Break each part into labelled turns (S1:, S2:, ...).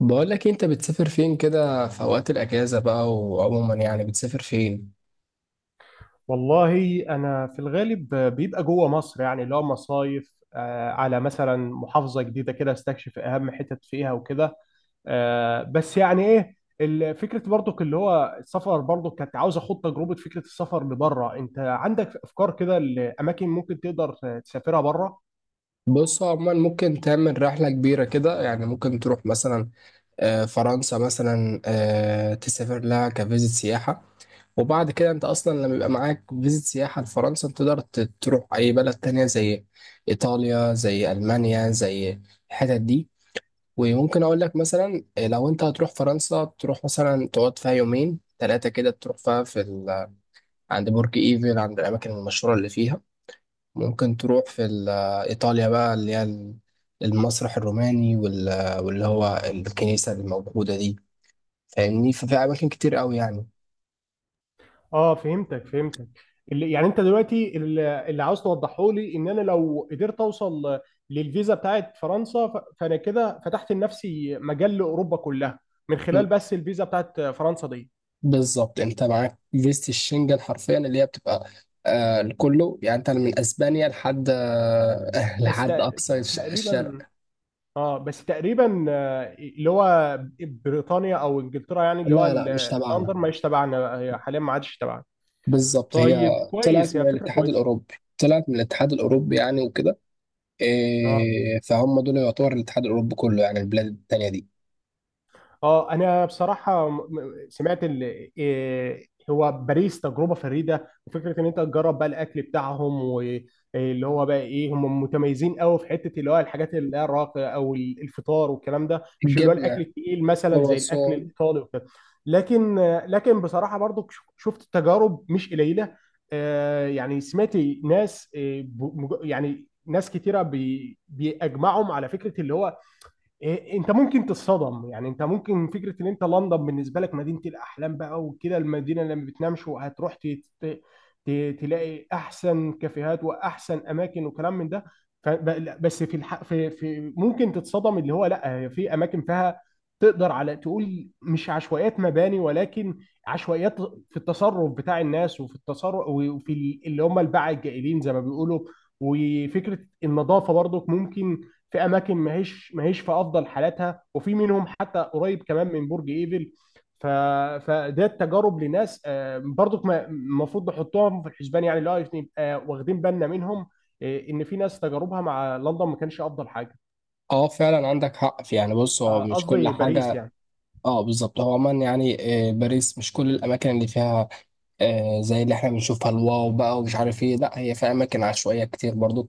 S1: بقول لك إيه، انت بتسافر فين كده في اوقات الاجازه بقى؟ وعموما يعني بتسافر فين؟
S2: والله انا في الغالب بيبقى جوه مصر، يعني اللي هو مصايف، على مثلا محافظه جديده كده، استكشف اهم حتت فيها وكده. بس يعني ايه فكره برضك اللي هو السفر، برضك كانت عاوز اخد تجربه فكره السفر لبره. انت عندك افكار كده لاماكن ممكن تقدر تسافرها بره؟
S1: بص، هو عموما ممكن تعمل رحله كبيره كده، يعني ممكن تروح مثلا فرنسا مثلا. تسافر لها كفيزيت سياحه، وبعد كده انت اصلا لما يبقى معاك فيزيت سياحه لفرنسا انت تقدر تروح اي بلد تانية زي ايطاليا، زي المانيا، زي الحتت دي. وممكن اقول لك مثلا، لو انت هتروح فرنسا تروح مثلا تقعد فيها يومين ثلاثه كده، تروح فيها في عند برج ايفل، عند الاماكن المشهوره اللي فيها. ممكن تروح في ايطاليا بقى، اللي هي المسرح الروماني واللي هو الكنيسه الموجوده دي، فاهمني؟ ففي اماكن كتير قوي يعني.
S2: اه، فهمتك فهمتك. اللي يعني انت دلوقتي اللي عاوز توضحه لي ان انا لو قدرت اوصل للفيزا بتاعت فرنسا، فانا كده فتحت لنفسي مجال لاوروبا كلها من
S1: ب-
S2: خلال بس الفيزا بتاعت فرنسا دي.
S1: بالظبط، انت معاك فيزة الشنجن حرفيا، اللي هي بتبقى لكله، يعني انت من اسبانيا لحد
S2: بس
S1: لحد
S2: تق-
S1: اقصى الشرق.
S2: تقريبا. اه، بس تقريبا. اللي هو بريطانيا او انجلترا، يعني اللي هو
S1: لا لا، مش
S2: لندن،
S1: تبعنا.
S2: ما يشتبعنا حاليا، ما عادش تبعنا.
S1: بالظبط، هي
S2: طيب،
S1: طلعت
S2: كويس. هي
S1: من
S2: فكره
S1: الاتحاد
S2: كويسه.
S1: الاوروبي، طلعت من الاتحاد الاوروبي يعني وكده.
S2: اه،
S1: إيه، فهم دول يعتبر الاتحاد الاوروبي كله، يعني البلاد التانية دي.
S2: اه، انا بصراحه سمعت إيه، هو باريس تجربه فريده، وفكره ان انت تجرب بقى الاكل بتاعهم. واللي هو بقى ايه، هم متميزين قوي في حته اللي هو الحاجات اللي هي الراقيه او الفطار والكلام ده، مش اللي هو الاكل
S1: الجبنه
S2: التقيل مثلا زي الاكل
S1: والوصول.
S2: الايطالي وكده. لكن لكن بصراحه برضو شفت تجارب مش قليله. يعني سمعت ناس، يعني ناس كتيره بيجمعهم على فكره اللي هو انت ممكن تتصدم. يعني انت ممكن فكره ان انت لندن بالنسبه لك مدينه الاحلام بقى، وكده المدينه اللي ما بتنامش، وهتروح ت- تلاقي احسن كافيهات واحسن اماكن وكلام من ده. بس في الحق، في ممكن تتصدم. اللي هو، لا، هي في اماكن فيها تقدر على تقول مش عشوائيات مباني، ولكن عشوائيات في التصرف بتاع الناس، وفي التصرف، وفي اللي هم الباعة الجائلين زي ما بيقولوا. وفكره النظافه برضك، ممكن في اماكن ماهيش في افضل حالاتها، وفي منهم حتى قريب كمان من برج ايفل. ف... فده التجارب لناس، برضك المفروض نحطهم في الحسبان، يعني اللي هو نبقى واخدين بالنا منهم. ان في ناس تجاربها مع لندن ما كانش افضل حاجه.
S1: اه فعلا، عندك حق في، يعني بص، هو مش كل
S2: قصدي باريس
S1: حاجه.
S2: يعني.
S1: اه بالظبط، هو عموما يعني باريس مش كل الاماكن اللي فيها زي اللي احنا بنشوفها الواو بقى ومش عارف ايه، لا هي فيها اماكن عشوائيه كتير برضو،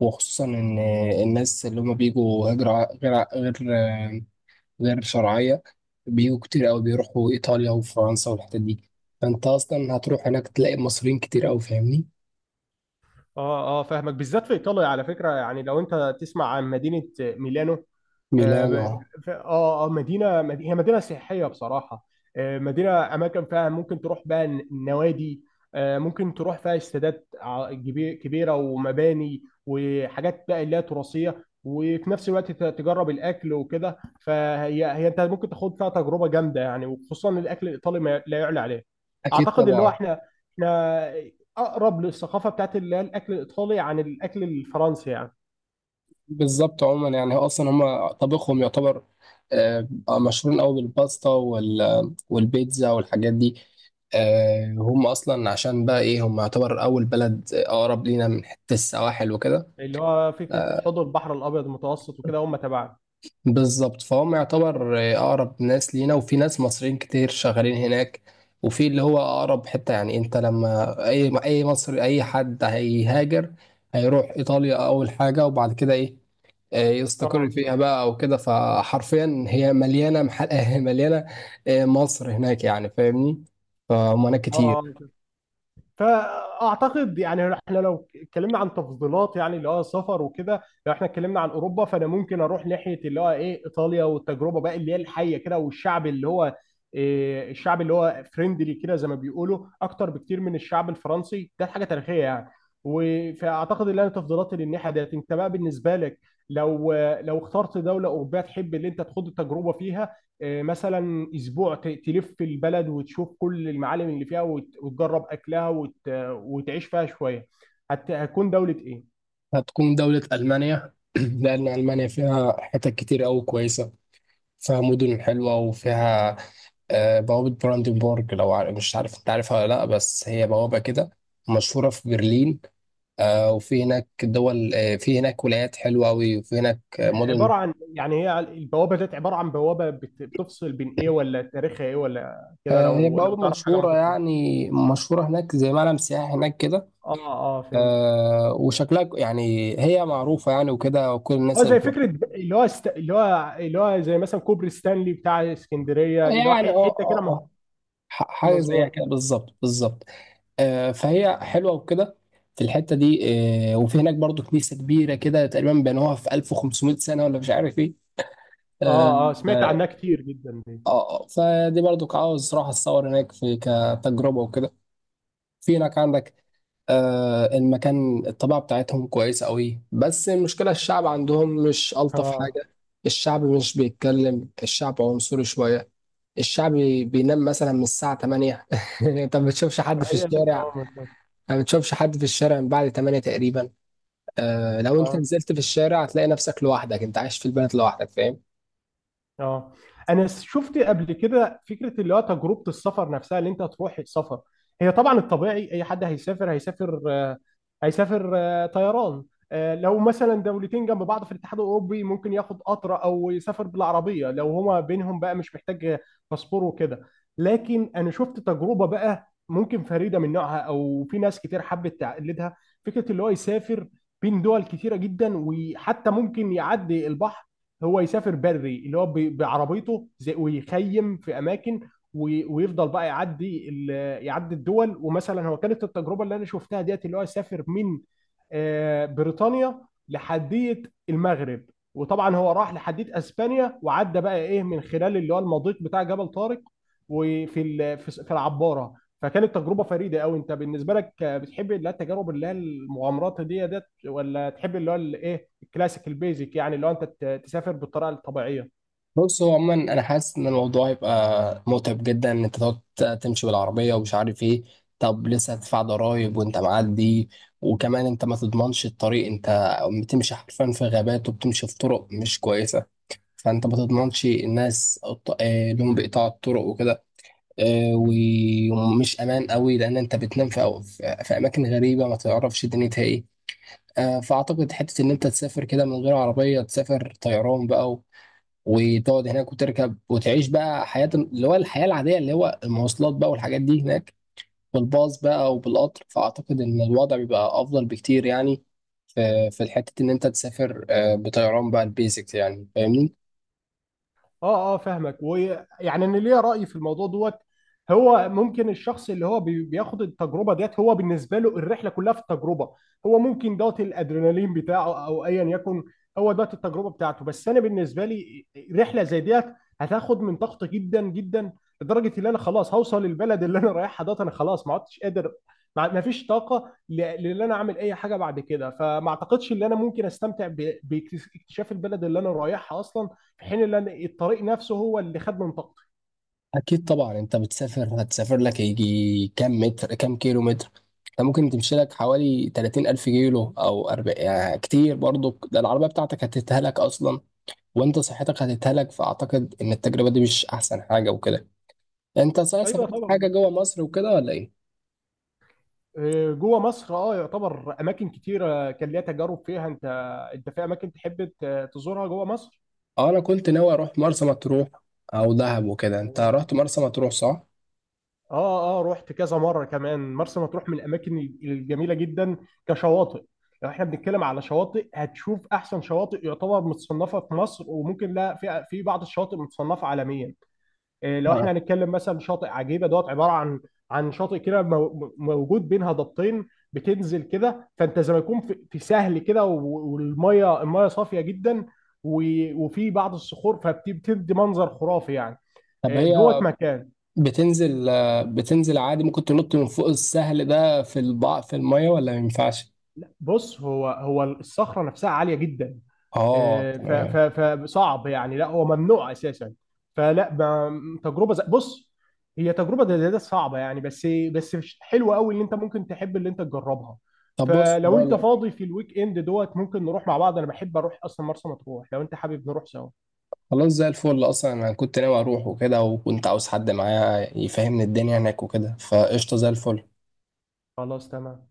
S1: وخصوصا ان الناس اللي هم بيجوا هجره غير غير آه، غير شرعيه. بيجوا كتير قوي، بيروحوا ايطاليا وفرنسا والحتت دي. فانت اصلا هتروح هناك تلاقي مصريين كتير قوي، فاهمني؟
S2: اه، اه، فاهمك. بالذات في ايطاليا، على فكره، يعني لو انت تسمع عن مدينه ميلانو. اه.
S1: ميلانو،
S2: هي مدينه سياحيه بصراحه. مدينه، اماكن فيها ممكن تروح بقى النوادي. ممكن تروح فيها استادات كبيره، ومباني وحاجات بقى اللي هي تراثيه، وفي نفس الوقت تجرب الاكل وكده. فهي انت ممكن تاخد فيها تجربه جامده يعني، وخصوصا الاكل الايطالي ما لا يعلى عليه.
S1: اكيد
S2: اعتقد اللي هو
S1: طبعا.
S2: احنا اقرب للثقافه بتاعت اللي هي الاكل الايطالي عن الاكل الفرنسي يعني.
S1: بالظبط، عموما يعني هو اصلا هم طبخهم يعتبر، آه، مشهورين قوي بالباستا والبيتزا والحاجات دي. هم اصلا عشان بقى ايه، هم يعتبر اول بلد اقرب لينا من حته السواحل وكده.
S2: اللي هو فكره حوض البحر الابيض المتوسط وكده، هم تبعنا.
S1: بالظبط، فهم يعتبر اقرب ناس لينا، وفي ناس مصريين كتير شغالين هناك، وفي اللي هو اقرب حته. يعني انت لما اي مصري، اي حد هيهاجر هيروح ايطاليا اول حاجه، وبعد كده ايه؟ يستقر فيها
S2: اه،
S1: بقى او كده. فحرفيا هي مليانه محل مليانه مصر هناك، يعني فاهمني؟ فهناك
S2: اه. آه.
S1: كتير.
S2: فاعتقد يعني احنا لو اتكلمنا عن تفضيلات، يعني اللي هو سفر وكده، لو احنا اتكلمنا عن اوروبا، فانا ممكن اروح ناحيه اللي هو ايه، ايطاليا، والتجربه بقى اللي هي الحيه كده، والشعب اللي هو الشعب اللي هو فريندلي كده زي ما بيقولوا، اكتر بكتير من الشعب الفرنسي، ده حاجه تاريخيه يعني. فاعتقد ان انا تفضيلاتي للناحيه ديت. انت بقى بالنسبه لك، لو لو اخترت دوله اوروبيه تحب اللي انت تخوض التجربه فيها، مثلا اسبوع تلف البلد وتشوف كل المعالم اللي فيها، وتجرب اكلها، وتعيش فيها شويه، هتكون دوله ايه؟
S1: هتكون دوله المانيا لان المانيا فيها حتت كتير قوي كويسه، فيها مدن حلوه، وفيها بوابه براندنبورغ. لو مش عارف انت عارفها ولا لا، بس هي بوابه كده مشهوره في برلين. وفي هناك دول، في هناك ولايات حلوه قوي، وفي هناك مدن.
S2: عباره عن، يعني هي البوابه ديت عباره عن بوابه بتفصل بين ايه، ولا تاريخها ايه، ولا كده؟
S1: هي
S2: لو
S1: بوابة
S2: تعرف حاجه
S1: مشهورة،
S2: ممكن تكون.
S1: يعني مشهورة هناك زي معلم سياحي هناك كده.
S2: اه، اه، فهمت.
S1: وشكلها يعني هي معروفة يعني وكده، وكل الناس
S2: هو
S1: اللي
S2: زي
S1: بتروح.
S2: فكره، اللي هو اللي هو زي مثلا كوبري ستانلي بتاع اسكندريه، اللي هو
S1: يعني اه
S2: حته كده
S1: اه اه حاجة زيها
S2: مظبوط.
S1: كده، بالظبط بالظبط. فهي حلوة وكده، في الحتة دي. وفي هناك برضو كنيسة كبيرة كده، تقريبا بنوها في 1500 سنة ولا مش عارف ايه. اه
S2: اه، اه، سمعت
S1: آه،
S2: عنها كتير جدا دي.
S1: فدي برضو عاوز راح اتصور هناك في كتجربة وكده. في هناك عندك المكان الطبيعة بتاعتهم كويسة قوي، بس المشكلة الشعب عندهم مش ألطف
S2: اه.
S1: حاجة. الشعب مش بيتكلم، الشعب عنصري شوية، الشعب بينام مثلا من الساعة 8 انت ما بتشوفش حد في
S2: فهي هناك، اه،
S1: الشارع،
S2: ممكن.
S1: ما بتشوفش حد في الشارع من بعد 8 تقريبا. لو انت
S2: اه،
S1: نزلت في الشارع هتلاقي نفسك لوحدك، انت عايش في البلد لوحدك، فاهم؟
S2: اه، انا شفت قبل كده فكره اللي هو تجربه السفر نفسها اللي انت تروح سفر. هي طبعا الطبيعي اي حد هيسافر، هيسافر طيران. لو مثلا دولتين جنب بعض في الاتحاد الاوروبي، ممكن ياخد قطر او يسافر بالعربيه، لو هما بينهم بقى مش محتاج باسبور وكده. لكن انا شفت تجربه بقى ممكن فريده من نوعها، او في ناس كتير حبت تقلدها، فكره اللي هو يسافر بين دول كتيره جدا، وحتى ممكن يعدي البحر. هو يسافر بري، اللي هو بعربيته زي، ويخيم في اماكن، ويفضل بقى يعدي يعدي الدول. ومثلا هو كانت التجربه اللي انا شفتها ديت اللي هو يسافر من بريطانيا لحديه المغرب. وطبعا هو راح لحديه اسبانيا، وعدى بقى ايه من خلال اللي هو المضيق بتاع جبل طارق، وفي ال- في في العباره. فكانت تجربه فريده قوي. انت بالنسبه لك، بتحب اللي هي التجارب اللي هي المغامرات دي ديت، ولا تحب اللي هو الايه، كلاسيك البيزك، يعني لو انت تسافر بالطريقه الطبيعيه؟
S1: بص، هو عموما انا حاسس ان الموضوع هيبقى متعب جدا، ان انت تقعد تمشي بالعربيه ومش عارف ايه. طب لسه هتدفع ضرايب وانت معدي، وكمان انت ما تضمنش الطريق. انت بتمشي حرفيا في غابات، وبتمشي في طرق مش كويسه، فانت ما تضمنش الناس لهم بقطاع الطرق وكده. آه، ومش امان قوي، لان انت بتنام في أو- في في اماكن غريبه ما تعرفش دنيتها ايه. فاعتقد حته ان انت تسافر كده من غير عربيه، تسافر طيران بقى وتقعد هناك وتركب وتعيش بقى حياة اللي هو الحياة العادية، اللي هو المواصلات بقى والحاجات دي هناك، بالباص بقى وبالقطر. فأعتقد إن الوضع بيبقى أفضل بكتير يعني، في الحتة إن أنت تسافر بطيران بقى البيزكس، يعني فاهمني؟
S2: اه، اه، فاهمك. ويعني انا ليا رأي في الموضوع دوت. هو ممكن الشخص اللي هو بياخد التجربه ديت، هو بالنسبه له الرحله كلها في التجربه. هو ممكن دوت الادرينالين بتاعه، او ايا يكن، هو دوت التجربه بتاعته. بس انا بالنسبه لي، رحله زي ديت هتاخد من طاقتي جدا جدا، لدرجه ان انا خلاص هوصل البلد اللي انا رايحها دوت، انا خلاص ما عدتش قادر. ما فيش طاقه لان انا اعمل اي حاجه بعد كده. فما اعتقدش ان انا ممكن استمتع باكتشاف البلد اللي انا رايحها اصلا، في حين ان أنا الطريق نفسه هو اللي خد منطقتي.
S1: أكيد طبعا، أنت بتسافر هتسافر لك يجي كام متر، كام كيلو متر. أنت ممكن تمشي لك حوالي 30 ألف كيلو أو 40، يعني كتير برضو. ده العربية بتاعتك هتتهلك أصلا، وأنت صحتك هتتهلك. فأعتقد إن التجربة دي مش أحسن حاجة وكده. يعني انت صحيح
S2: ايوه،
S1: سافرت حاجه
S2: طبعا.
S1: جوه مصر وكده ولا ايه؟
S2: جوه مصر اه يعتبر اماكن كتيره كان ليها تجارب فيها. انت في اماكن تحب تزورها جوه مصر؟
S1: اه انا كنت ناوي اروح مرسى مطروح او دهب وكده. انت رحت مرسى مطروح، صح؟
S2: اه، اه، رحت كذا مره كمان. مرسى مطروح من الاماكن الجميله جدا، كشواطئ. لو احنا بنتكلم على شواطئ، هتشوف احسن شواطئ يعتبر متصنفه في مصر، وممكن لا في بعض الشواطئ متصنفه عالميا. لو
S1: آه.
S2: احنا هنتكلم مثلا، شاطئ عجيبه دوت عباره عن عن شاطئ كده موجود بين هضبتين، بتنزل كده، فانت زي ما يكون في سهل كده، والميه صافيه جدا، وفي بعض الصخور، فبتدي منظر خرافي يعني.
S1: طب هي
S2: دوت مكان.
S1: بتنزل بتنزل عادي؟ ممكن تنط من فوق السهل ده في الميه ولا ما ينفعش؟
S2: بص، هو الصخره نفسها عاليه جدا.
S1: اه تمام.
S2: فصعب يعني. لا، هو ممنوع اساسا. فلا، تجربه زي بص، هي تجربه زي ده صعبه يعني، بس حلوه قوي، اللي انت ممكن تحب اللي انت تجربها.
S1: طب بص،
S2: فلو
S1: هقول
S2: انت
S1: لك.
S2: فاضي في الويك اند دوت، ممكن نروح مع بعض. انا بحب اروح اصلا مرسى مطروح، لو انت حابب نروح سوا.
S1: خلاص زي الفل، اصلا انا كنت ناوي اروح وكده، وكنت عاوز حد معايا يفهمني الدنيا هناك وكده، فقشطه زي الفل.
S2: خلاص، تمام.